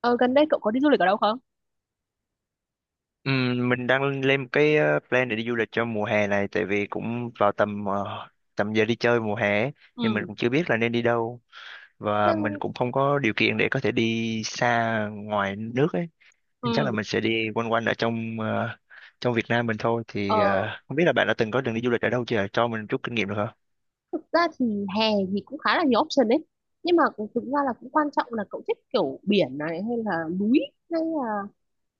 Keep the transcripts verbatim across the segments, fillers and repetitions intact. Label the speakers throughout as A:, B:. A: Ờ, Gần đây cậu có đi du lịch ở đâu không?
B: Ừm, mình đang lên một cái ờ, plan để đi du lịch cho mùa hè này, tại vì cũng vào tầm ờ, tầm giờ đi chơi mùa hè ấy, nhưng mình
A: Ừ,
B: cũng chưa biết là nên đi đâu và mình
A: Theo-
B: cũng không có điều kiện để có thể đi xa ngoài nước ấy, nên chắc là
A: ừ,
B: mình sẽ đi quanh quanh ở trong ờ, trong Việt Nam mình thôi. Thì
A: ờ,
B: ờ, không biết là bạn đã từng có đường đi du lịch ở đâu chưa, cho mình chút kinh nghiệm được không?
A: thực ra thì hè thì cũng khá là nhiều option đấy nhưng mà cũng- thực ra là cũng quan trọng là cậu thích kiểu biển này hay là núi hay là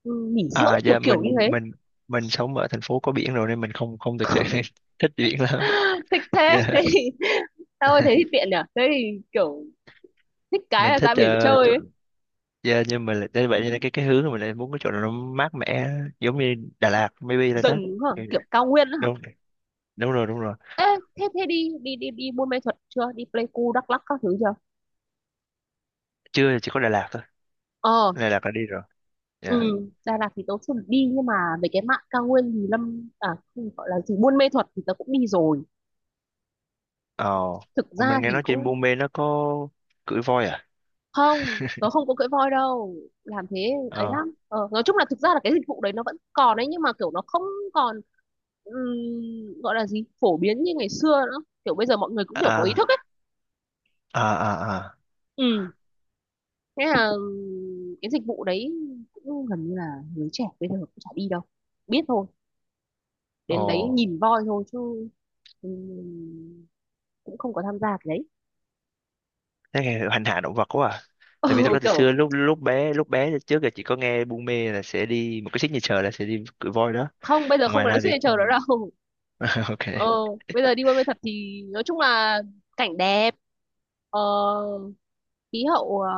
A: ừ, nghỉ
B: À,
A: dưỡng kiểu
B: dạ,
A: kiểu như
B: mình
A: thế
B: mình mình sống ở thành phố có biển rồi nên mình không không thực sự thích biển lắm.
A: thích thế. Thế
B: Dạ.
A: thì, tao ơi, thế thì tiện nhỉ? Thế thì kiểu thích cái
B: Mình
A: là
B: thích
A: ra biển
B: ờ,
A: chơi
B: chỗ,
A: ấy.
B: dạ nhưng mà lại nên vậy nên cái cái hướng mà mình lại muốn cái chỗ nào nó mát mẻ, giống như Đà Lạt maybe là đó.
A: Rừng hả?
B: Kiểu
A: Kiểu cao nguyên hả?
B: đúng, đúng rồi đúng rồi.
A: Ê, thế thế đi đi đi đi Buôn Mê thuật chưa, đi Pleiku Đắk Lắk các thứ chưa?
B: Chưa, thì chỉ có Đà Lạt thôi.
A: Ờ,
B: Đà Lạt là đi rồi.
A: Ừ,
B: Dạ.
A: Đà Lạt thì tớ chưa được đi, nhưng mà về cái mạn cao nguyên thì Lâm à, không, gọi là gì, Buôn Mê Thuột thì tớ cũng đi rồi.
B: Ờ.
A: Thực
B: Ủa,
A: ra
B: mình nghe
A: thì
B: nói trên
A: cũng
B: Buôn Mê nó có cưỡi voi à?
A: không, tớ không có cưỡi voi đâu, làm thế ấy
B: Ờ.
A: lắm. ờ, nói chung là thực ra là cái dịch vụ đấy nó vẫn còn ấy, nhưng mà kiểu nó không còn ừm, gọi là gì, phổ biến như ngày xưa nữa. Kiểu bây giờ mọi người cũng kiểu có ý thức
B: À,
A: ấy.
B: à, à à.
A: Ừ, thế là ừm, cái dịch vụ đấy cũng gần như là người trẻ bây giờ cũng chả đi đâu, biết thôi, đến đấy
B: Ồ.
A: nhìn voi thôi chứ ừm, cũng không có tham gia cái đấy.
B: Thế nghe hành hạ động vật quá à. Tại vì thật
A: Ừ,
B: ra từ
A: kiểu
B: xưa, lúc lúc bé lúc bé thì trước là chỉ có nghe Buôn Mê là sẽ đi một cái signature là sẽ đi cưỡi voi đó.
A: không, bây giờ không
B: Ngoài
A: có lấy
B: ra thì
A: signature nữa
B: không.
A: đâu.
B: Ok.
A: ờ, Ừ. Bây giờ đi buôn mê thuật thì nói chung là cảnh đẹp, ờ, khí hậu, ờ,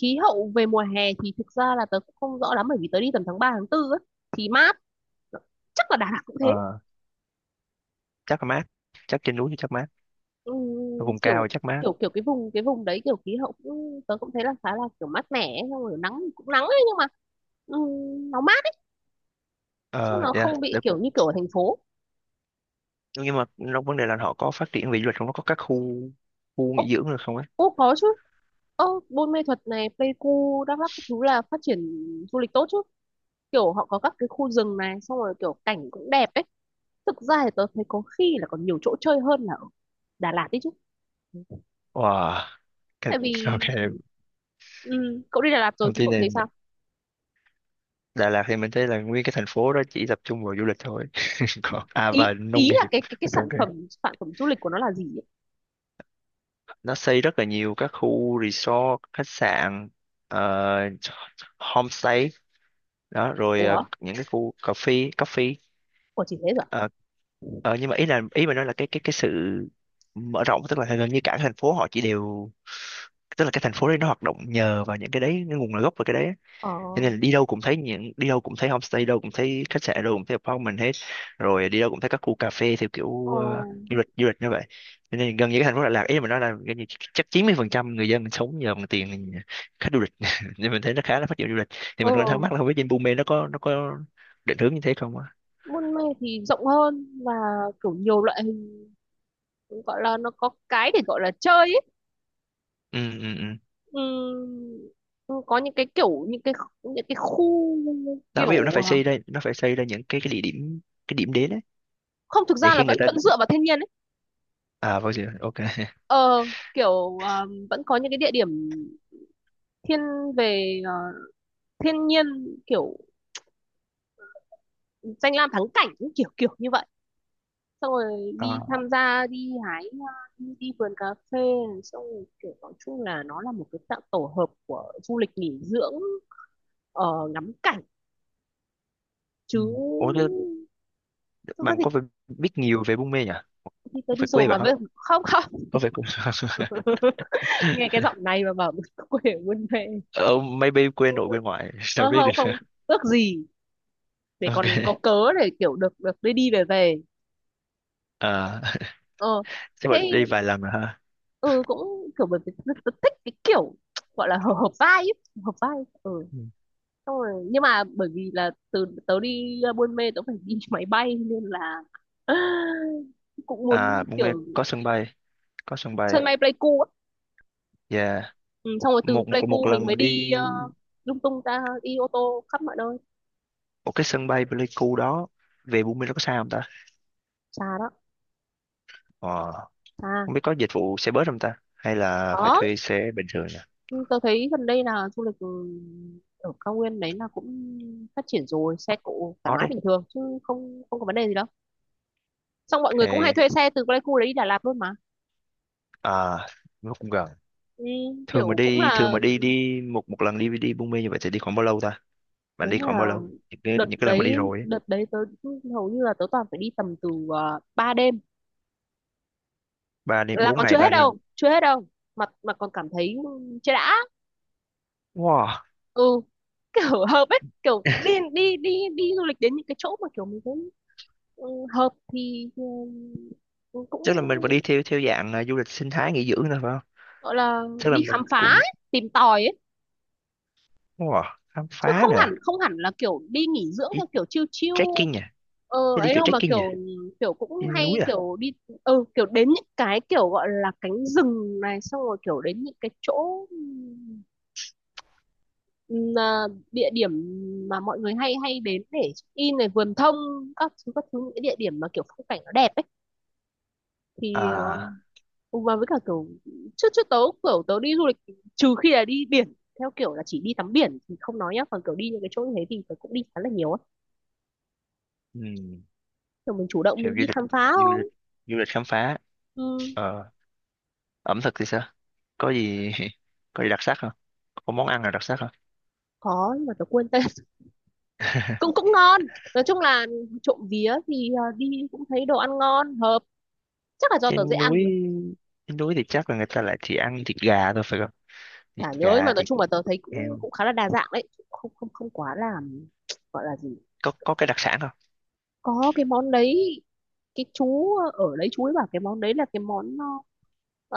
A: khí hậu về mùa hè thì thực ra là tớ cũng không rõ lắm, bởi vì tớ đi tầm tháng ba tháng tư á, thì mát. Chắc là Đà Lạt cũng thế.
B: Ờ. Chắc là mát. Chắc trên núi thì chắc mát. Ở
A: Ừm,
B: vùng cao
A: kiểu
B: thì chắc mát.
A: kiểu kiểu cái vùng cái vùng đấy kiểu khí hậu cũng tớ cũng thấy là khá là kiểu mát mẻ ấy, xong rồi nắng cũng nắng ấy, nhưng mà ừm, nó mát chứ
B: Ờ,
A: nó
B: dạ,
A: không bị
B: được.
A: kiểu như kiểu ở thành phố.
B: Nhưng mà trong vấn đề là họ có phát triển về du lịch không? Nó có các khu khu nghỉ dưỡng được không ấy?
A: Ô có chứ. Ơ, Buôn Mê Thuật này, Pleiku, Đắk Lắk các thứ là phát triển du lịch tốt chứ. Kiểu họ có các cái khu rừng này, xong rồi kiểu cảnh cũng đẹp ấy. Thực ra thì tớ thấy có khi là còn nhiều chỗ chơi hơn là ở Đà Lạt đấy chứ.
B: Wow, cái,
A: Tại vì
B: ok,
A: ừ, cậu đi Đà Lạt rồi
B: thông
A: thì
B: tin
A: cậu
B: này.
A: thấy sao?
B: Đà Lạt thì mình thấy là nguyên cái thành phố đó chỉ tập trung vào du lịch thôi. Còn, à,
A: Ý
B: và nông
A: ý là
B: nghiệp.
A: cái cái cái
B: Ok.
A: sản phẩm sản phẩm du lịch của nó là gì ấy?
B: Nó xây rất là nhiều các khu resort, khách sạn, ờ, homestay, đó, rồi ờ,
A: Ủa,
B: những cái khu cà phê, cà phê,
A: của chỉ thế rồi.
B: ờ, ờ, nhưng mà ý là ý mà nói là cái cái cái sự mở rộng, tức là gần như cả thành phố họ chỉ đều, tức là cái thành phố đấy nó hoạt động nhờ vào những cái đấy, cái nguồn gốc của cái đấy á.
A: Ờ,
B: Cho nên là đi đâu cũng thấy những đi đâu cũng thấy homestay, đâu cũng thấy khách sạn, đâu cũng thấy apartment hết, rồi đi đâu cũng thấy các khu cà phê theo
A: ờ,
B: kiểu ờ, du lịch du lịch như vậy. Cho nên gần như cái thành phố Đà Lạt ý mà nói là gần như chắc chín mươi phần trăm người dân sống nhờ bằng tiền khách du lịch nên mình thấy nó khá là phát triển du lịch. Thì
A: ờ.
B: mình còn thắc mắc là không biết trên Bume nó có nó có định hướng như thế không á.
A: Buôn Mê thì rộng hơn, và kiểu nhiều loại hình, gọi là nó có cái để gọi là chơi ấy.
B: Ừ, ừ, ừ.
A: Ừm, ừ, có những cái kiểu những cái những cái khu
B: Nó ví dụ nó
A: kiểu
B: phải
A: ờ,
B: xây ra nó phải xây ra những cái cái địa điểm, cái điểm đến ấy,
A: không, thực
B: để
A: ra
B: khi
A: là
B: người
A: vẫn
B: ta,
A: vẫn dựa vào thiên nhiên ấy.
B: à, vào giờ, ok.
A: Ờ, kiểu ờ, vẫn có những cái địa điểm thiên về ờ, thiên nhiên, kiểu danh lam thắng cảnh những kiểu kiểu như vậy, xong rồi đi
B: À.
A: tham gia đi hái hoa, đi, đi vườn cà phê, xong rồi kiểu nói chung là nó là một cái dạng tổ hợp của du lịch nghỉ dưỡng, ờ, ngắm cảnh chứ
B: Ừ. Ủa thế
A: thực ra
B: bạn
A: thì,
B: có phải biết nhiều về Buôn Mê nhỉ,
A: thì tớ
B: có
A: đi
B: phải
A: rồi
B: quê
A: mà,
B: bạn không,
A: với không không.
B: có phải quê.
A: Nghe cái giọng này mà bảo quê ở buôn mê.
B: Ờ, maybe quê nội quê ngoại, sao
A: Ơ
B: biết
A: không
B: được.
A: không, ước gì, để còn có
B: Ok.
A: cớ để kiểu được được đi đi về về
B: À,
A: ờ
B: chắc bạn
A: Thế
B: đi vài lần rồi ha.
A: ừ, cũng kiểu bởi vì rất- rất thích cái kiểu, gọi là hợp hợp vai ấy. Hợp vai. Ừ,
B: Ừ.
A: xong rồi nhưng mà bởi vì là từ tớ đi uh, Buôn Mê tớ phải đi máy bay nên là cũng
B: À,
A: muốn
B: Buôn Mê
A: kiểu
B: có sân bay, có sân
A: sân
B: bay.
A: bay Pleiku á.
B: Yeah.
A: Ừ, xong rồi từ
B: Một một một
A: Pleiku mình
B: lần
A: mới
B: đi,
A: đi ờ, lung tung ra, đi ô tô khắp mọi nơi.
B: một cái sân bay Pleiku đó về Buôn Mê nó có xa không ta.
A: Xa đó.
B: Ờ.
A: Xa.
B: Không biết có dịch vụ xe bus không ta? Hay là phải
A: Khó.
B: thuê xe bình thường nhỉ?
A: Tôi thấy gần đây là du lịch ừ, ở cao nguyên đấy là cũng phát triển rồi, xe cộ thoải
B: Hot
A: mái
B: đấy.
A: bình thường chứ không, không có vấn đề gì đâu. Xong mọi người cũng hay
B: Ok.
A: thuê xe từ Pleiku đấy đi Đà Lạt luôn mà.
B: À, nó cũng gần.
A: Ừ,
B: Thường mà
A: kiểu cũng
B: đi, thường
A: là,
B: mà đi đi một một lần đi đi Buôn Mê như vậy thì đi khoảng bao lâu ta? Bạn
A: nếu
B: đi
A: mà
B: khoảng bao lâu? Những cái,
A: đợt
B: những cái lần mà đi
A: đấy
B: rồi ấy.
A: đợt đấy tớ hầu như là tớ toàn phải đi tầm từ uh, ba đêm
B: Ba đêm,
A: là
B: bốn
A: còn
B: ngày
A: chưa hết
B: ba đêm.
A: đâu, chưa hết đâu, mà mà còn cảm thấy chưa đã.
B: Wow.
A: Ừ, kiểu hợp ấy, kiểu đi đi đi đi du lịch đến những cái chỗ mà kiểu mình thấy ừ, hợp thì ừ,
B: Chắc là mình phải đi
A: cũng
B: theo theo dạng, à, du lịch sinh thái nghỉ dưỡng thôi phải không?
A: gọi là
B: Chắc là
A: đi
B: mình
A: khám phá
B: cũng,
A: ấy, tìm tòi ấy,
B: wow, khám
A: chứ
B: phá
A: không
B: nè,
A: hẳn không hẳn là kiểu đi nghỉ dưỡng
B: đi
A: theo kiểu chill chill
B: trekking nè,
A: ờ,
B: đi, đi
A: ấy
B: kiểu
A: đâu, mà
B: trekking nè,
A: kiểu kiểu cũng
B: đi
A: hay
B: núi à.
A: kiểu đi ừ, kiểu đến những cái kiểu gọi là cánh rừng này, xong rồi kiểu đến những cái chỗ ừm, à, địa điểm mà mọi người hay hay đến để check in này, vườn thông, các thứ các thứ những cái địa điểm mà kiểu phong cảnh nó đẹp ấy, thì ờ,
B: À,
A: Ừ. Và với cả kiểu trước trước tớ kiểu tớ đi du lịch, trừ khi là đi biển theo kiểu là chỉ đi tắm biển thì không nói nhá, còn kiểu đi những cái chỗ như thế thì tớ cũng đi khá là nhiều á,
B: um,
A: kiểu mình chủ động
B: kiểu
A: mình
B: du
A: đi
B: lịch,
A: khám phá
B: du lịch
A: thôi.
B: du lịch khám phá.
A: Ừ,
B: Ờ. Ẩm thực thì sao, có gì có gì đặc sắc không, có món ăn nào đặc sắc không,
A: có nhưng mà tớ quên tên. Cũng cũng ngon. Nói chung là trộm vía thì à, đi cũng thấy đồ ăn ngon hợp, chắc là do tớ dễ
B: trên
A: ăn
B: núi,
A: rồi.
B: trên núi thì chắc là người ta lại chỉ ăn thịt gà thôi phải không, thịt
A: Chả nhớ nhưng
B: gà
A: mà nói
B: thịt
A: chung là tớ thấy cũng
B: heo,
A: cũng khá là đa dạng đấy, không không không quá là, gọi là gì.
B: có có cái đặc sản không.
A: Có cái món đấy, cái chú ở đấy chú ấy bảo cái món đấy là cái món ờ,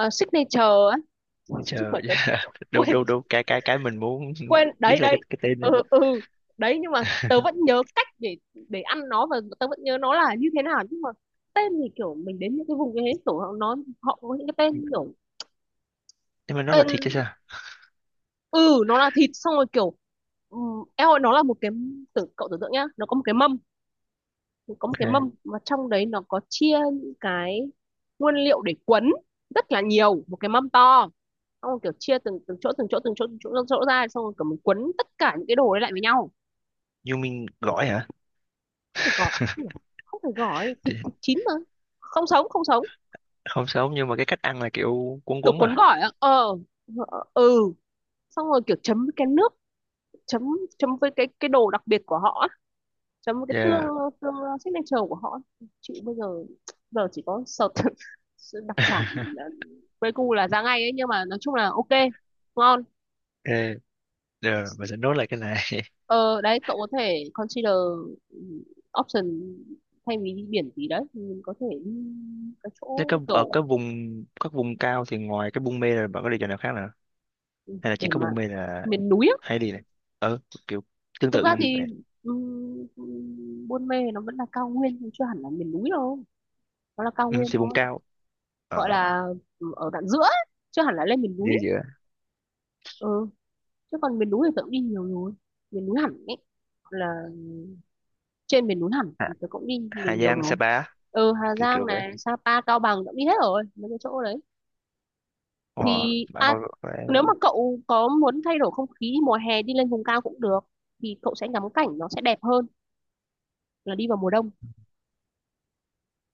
A: ờ, signature á,
B: Bây
A: chứ
B: giờ
A: mà tớ
B: đâu
A: quên
B: đâu đâu, cái cái cái mình muốn
A: quên
B: biết
A: đấy
B: là cái
A: đấy.
B: cái tên đấy.
A: Ừ ừ, đấy nhưng mà tớ vẫn nhớ cách để để ăn nó, và tớ vẫn nhớ nó là như thế nào, nhưng mà tên thì kiểu mình đến những cái vùng như thế kiểu họ nó họ có những cái tên kiểu
B: Nhưng mà nó là
A: tên.
B: thịt chứ sao,
A: Ừ, nó là thịt xong rồi kiểu um, em ơi, nó là một cái, tưởng cậu tưởng tượng nhá, nó có một cái mâm, có một cái mâm
B: ok,
A: mà trong đấy nó có chia những cái nguyên liệu để quấn, rất là nhiều, một cái mâm to, xong rồi kiểu chia từng từng chỗ từng chỗ từng chỗ từng chỗ, từng chỗ ra, xong rồi kiểu mình quấn tất cả những cái đồ đấy lại với nhau.
B: you mean gỏi hả.
A: Phải gọi không nhỉ? Không phải gọi
B: Thì
A: thịt, thịt chín mà, không sống, không sống,
B: không sống nhưng mà cái cách ăn là kiểu cuốn
A: kiểu
B: quấn
A: cuốn
B: mà.
A: gỏi á. Ờ, ờ, ừ, xong rồi kiểu chấm với cái nước chấm, chấm với cái cái đồ đặc biệt của họ á, chấm với cái tương,
B: Yeah.
A: tương signature của họ á. Chịu, bây giờ giờ chỉ có search đặc sản ờ, Pleiku là ra ngay ấy, nhưng mà nói chung là ok, ngon.
B: Ok, rồi mình sẽ nốt lại cái này.
A: Ờ đấy, cậu có thể consider ừ, option, thay vì đi biển gì đấy thì mình có thể đi cái
B: Thế
A: chỗ
B: các ở
A: kiểu,
B: các vùng, các vùng cao thì ngoài cái Buôn Mê là bạn có đi chỗ nào khác nữa, hay là chỉ
A: để
B: có
A: mà
B: Buôn Mê là
A: miền núi á.
B: hay đi này, ờ kiểu tương
A: Thực
B: tự
A: ra
B: như
A: thì
B: vậy.
A: ừm, Buôn Mê nó vẫn là cao nguyên nhưng chưa hẳn là miền núi đâu, nó là cao
B: Ừ,
A: nguyên
B: thì vùng
A: thôi,
B: cao,
A: gọi
B: ở
A: là ừ, ở đoạn giữa ấy, chưa hẳn là lên miền
B: giữa
A: núi.
B: giữa
A: Ừ, chứ còn miền núi thì tớ cũng đi nhiều rồi, miền núi hẳn ấy, là trên miền núi hẳn
B: Hà,
A: thì tớ cũng đi nhiều
B: Hà
A: nhiều
B: Giang,
A: rồi.
B: Sapa,
A: Ừ, Hà
B: kiểu
A: Giang
B: kiểu vậy.
A: này, Sapa, Cao Bằng tớ cũng đi hết rồi mấy cái chỗ đấy.
B: Wow,
A: Thì
B: bạn
A: à,
B: có phải.
A: nếu mà cậu có muốn thay đổi không khí mùa hè đi lên vùng cao cũng được, thì cậu sẽ ngắm cảnh nó sẽ đẹp hơn là đi vào mùa đông,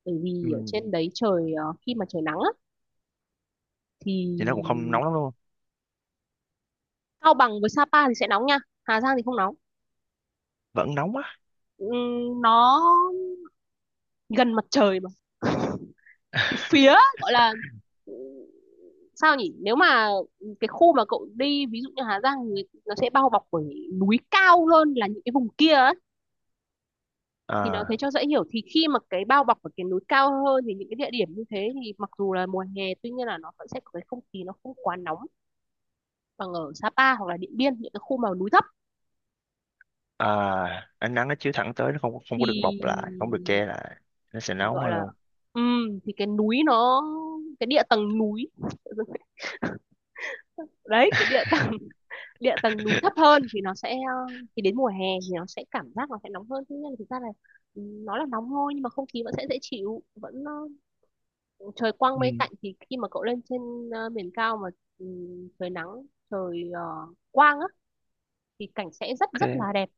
A: bởi vì ở
B: Ừ.
A: trên đấy trời ờ, khi mà trời nắng á, thì
B: Thì nó cũng không nóng lắm luôn.
A: Cao Bằng với Sapa thì sẽ nóng nha, Hà Giang thì không nóng.
B: Vẫn nóng á.
A: Ừm, nó gần mặt trời mà. Cái phía, gọi là ừ, sao nhỉ, nếu mà cái khu mà cậu đi ví dụ như Hà Giang thì nó sẽ bao bọc bởi núi cao hơn là những cái vùng kia ấy. Thì nó thế
B: À,
A: cho dễ hiểu, thì khi mà cái bao bọc ở cái núi cao hơn thì những cái địa điểm như thế thì mặc dù là mùa hè tuy nhiên là nó vẫn sẽ có cái không khí nó không quá nóng bằng ở Sapa hoặc là Điện Biên, những cái khu mà núi thấp
B: à, ánh nắng nó chiếu thẳng tới, nó không không có được bọc
A: thì
B: lại, không được che lại, nó sẽ nóng
A: gọi là
B: hơn.
A: ừm, thì cái núi nó cái địa tầng núi đấy cái địa tầng, địa tầng núi thấp hơn thì nó sẽ ờ, thì đến mùa hè thì nó sẽ cảm giác nó sẽ nóng hơn. Thế nhưng mà thực ra là ừ, nó là nóng thôi nhưng mà không khí vẫn sẽ dễ chịu, vẫn ờ, trời quang
B: Ừ,
A: mây tạnh. Thì khi mà cậu lên trên ờ, miền cao mà ừ, trời nắng, trời ờ, quang á, thì cảnh sẽ rất rất là
B: ok.
A: đẹp.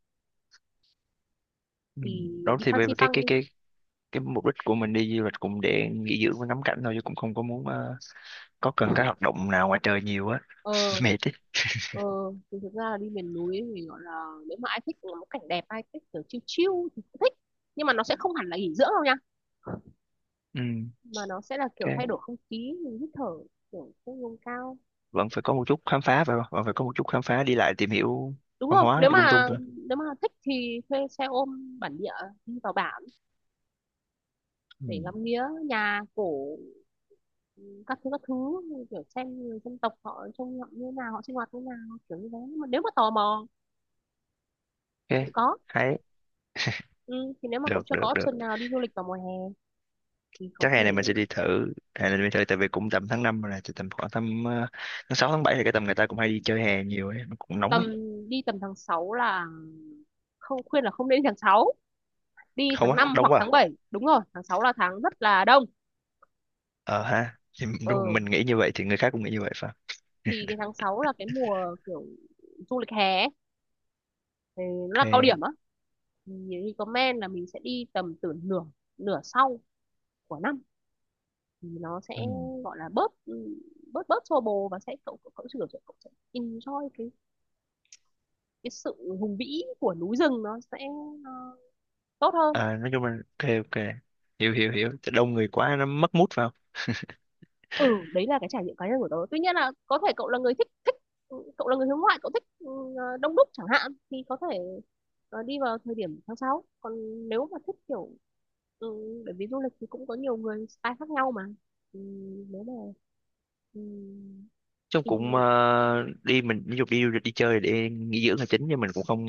B: Ừ.
A: Thì
B: Đó
A: đi
B: thì về về cái
A: Fansipan
B: cái
A: đi.
B: cái cái mục đích của mình đi du lịch cũng để nghỉ dưỡng và ngắm cảnh thôi chứ cũng không có muốn, ờ, có cần cái hoạt động nào ngoài trời nhiều á.
A: Ờ,
B: Mệt ấy.
A: Ờ, thì thực ra là đi miền núi thì gọi là nếu mà ai thích ngắm cảnh đẹp, ai thích kiểu chill chill thì cũng thích, nhưng mà nó sẽ không hẳn là nghỉ dưỡng đâu nha,
B: Ừ,
A: mà nó sẽ là kiểu
B: ok,
A: thay đổi không khí mình hít thở, kiểu không ngông cao,
B: vẫn phải có một chút khám phá phải không, vẫn phải có một chút khám phá đi lại tìm hiểu
A: đúng
B: văn
A: không?
B: hóa
A: Nếu
B: lung tung
A: mà,
B: rồi.
A: nếu mà thích thì thuê xe ôm bản địa đi vào bản
B: Ừ.
A: để ngắm nghía nhà cổ, các thứ các thứ kiểu xem người dân tộc họ trông họ như nào, họ sinh hoạt như nào, kiểu như thế. Nhưng mà nếu mà tò mò thì cũng
B: Ok,
A: có.
B: hay,
A: Ừ, thì nếu mà cậu
B: được,
A: chưa
B: được,
A: có
B: được.
A: option nào đi du lịch vào mùa hè thì có
B: Chắc
A: thể
B: hè này mình sẽ đi thử, hè này mình thử, tại vì cũng tầm tháng năm rồi này thì tầm khoảng tầm ờ, tháng sáu tháng bảy thì cái tầm người ta cũng hay đi chơi hè nhiều ấy, nó cũng nóng ấy.
A: tầm, đi tầm tháng sáu là không, khuyên là không nên đi tháng sáu, đi
B: Không
A: tháng
B: á,
A: năm
B: đông
A: hoặc
B: quá
A: tháng
B: à?
A: bảy, đúng rồi, tháng sáu là tháng rất là đông.
B: Ờ ha, thì m- đúng,
A: Ừ.
B: mình nghĩ như vậy thì người khác cũng nghĩ như vậy phải không.
A: Thì cái tháng sáu là cái mùa kiểu du lịch hè ấy, thì nó là cao
B: Ok.
A: điểm á. Thì recommend là mình sẽ đi tầm từ nửa, nửa sau của năm, thì nó sẽ
B: Ừ.
A: gọi là bớt ừ, bớt bớt xô bồ, và sẽ cậu cậu cậu sẽ, cậu sẽ enjoy cái cái sự hùng vĩ của núi rừng, nó sẽ ờ, tốt hơn.
B: À, nói chung là ok, ok, hiểu, hiểu, hiểu. Tại đông người quá nó mất mút vào.
A: Ừ, đấy là cái trải nghiệm cá nhân của tớ, tuy nhiên là có thể cậu là người thích thích ừ, cậu là người hướng ngoại, cậu thích ừ, ờ, đông đúc chẳng hạn, thì có thể ờ, đi vào thời điểm tháng sáu. Còn nếu mà thích kiểu ừ, bởi vì du lịch thì cũng có nhiều người style khác nhau mà. Ừ, nếu mà ừ,
B: Chung
A: ừ,
B: cũng ờ, đi, mình ví dụ đi du lịch đi chơi để nghỉ dưỡng là chính, nhưng mình cũng không,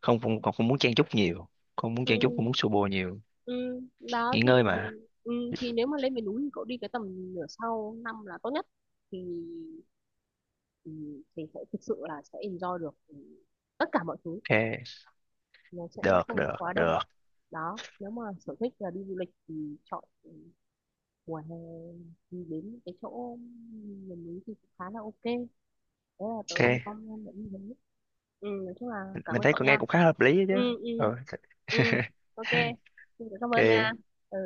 B: không, không không, không muốn chen chúc nhiều, không muốn
A: ừ,
B: chen chúc, không muốn xô bồ nhiều.
A: ừ, đó
B: Nghỉ
A: thì
B: ngơi mà.
A: ừ, thì nếu mà lên miền núi thì cậu đi cái tầm nửa sau năm là tốt nhất, thì thì, thì sẽ thực sự là sẽ enjoy được ừ, tất cả mọi thứ,
B: Ok,
A: nó sẽ
B: được,
A: không
B: được,
A: quá đông.
B: được.
A: Đó, nếu mà sở thích là đi du lịch thì chọn ừ, mùa hè đi đến cái chỗ miền núi thì cũng khá là ok đấy, là tớ
B: Ok,
A: con em đã đi đấy. Ừ, nói chung là cảm
B: mình
A: ơn
B: thấy
A: cậu
B: con nghe
A: nha.
B: cũng khá hợp lý đó
A: ừ
B: chứ.
A: ừ
B: Ừ.
A: ừ Ok, xin cảm ơn nha.
B: Ok.
A: Ừ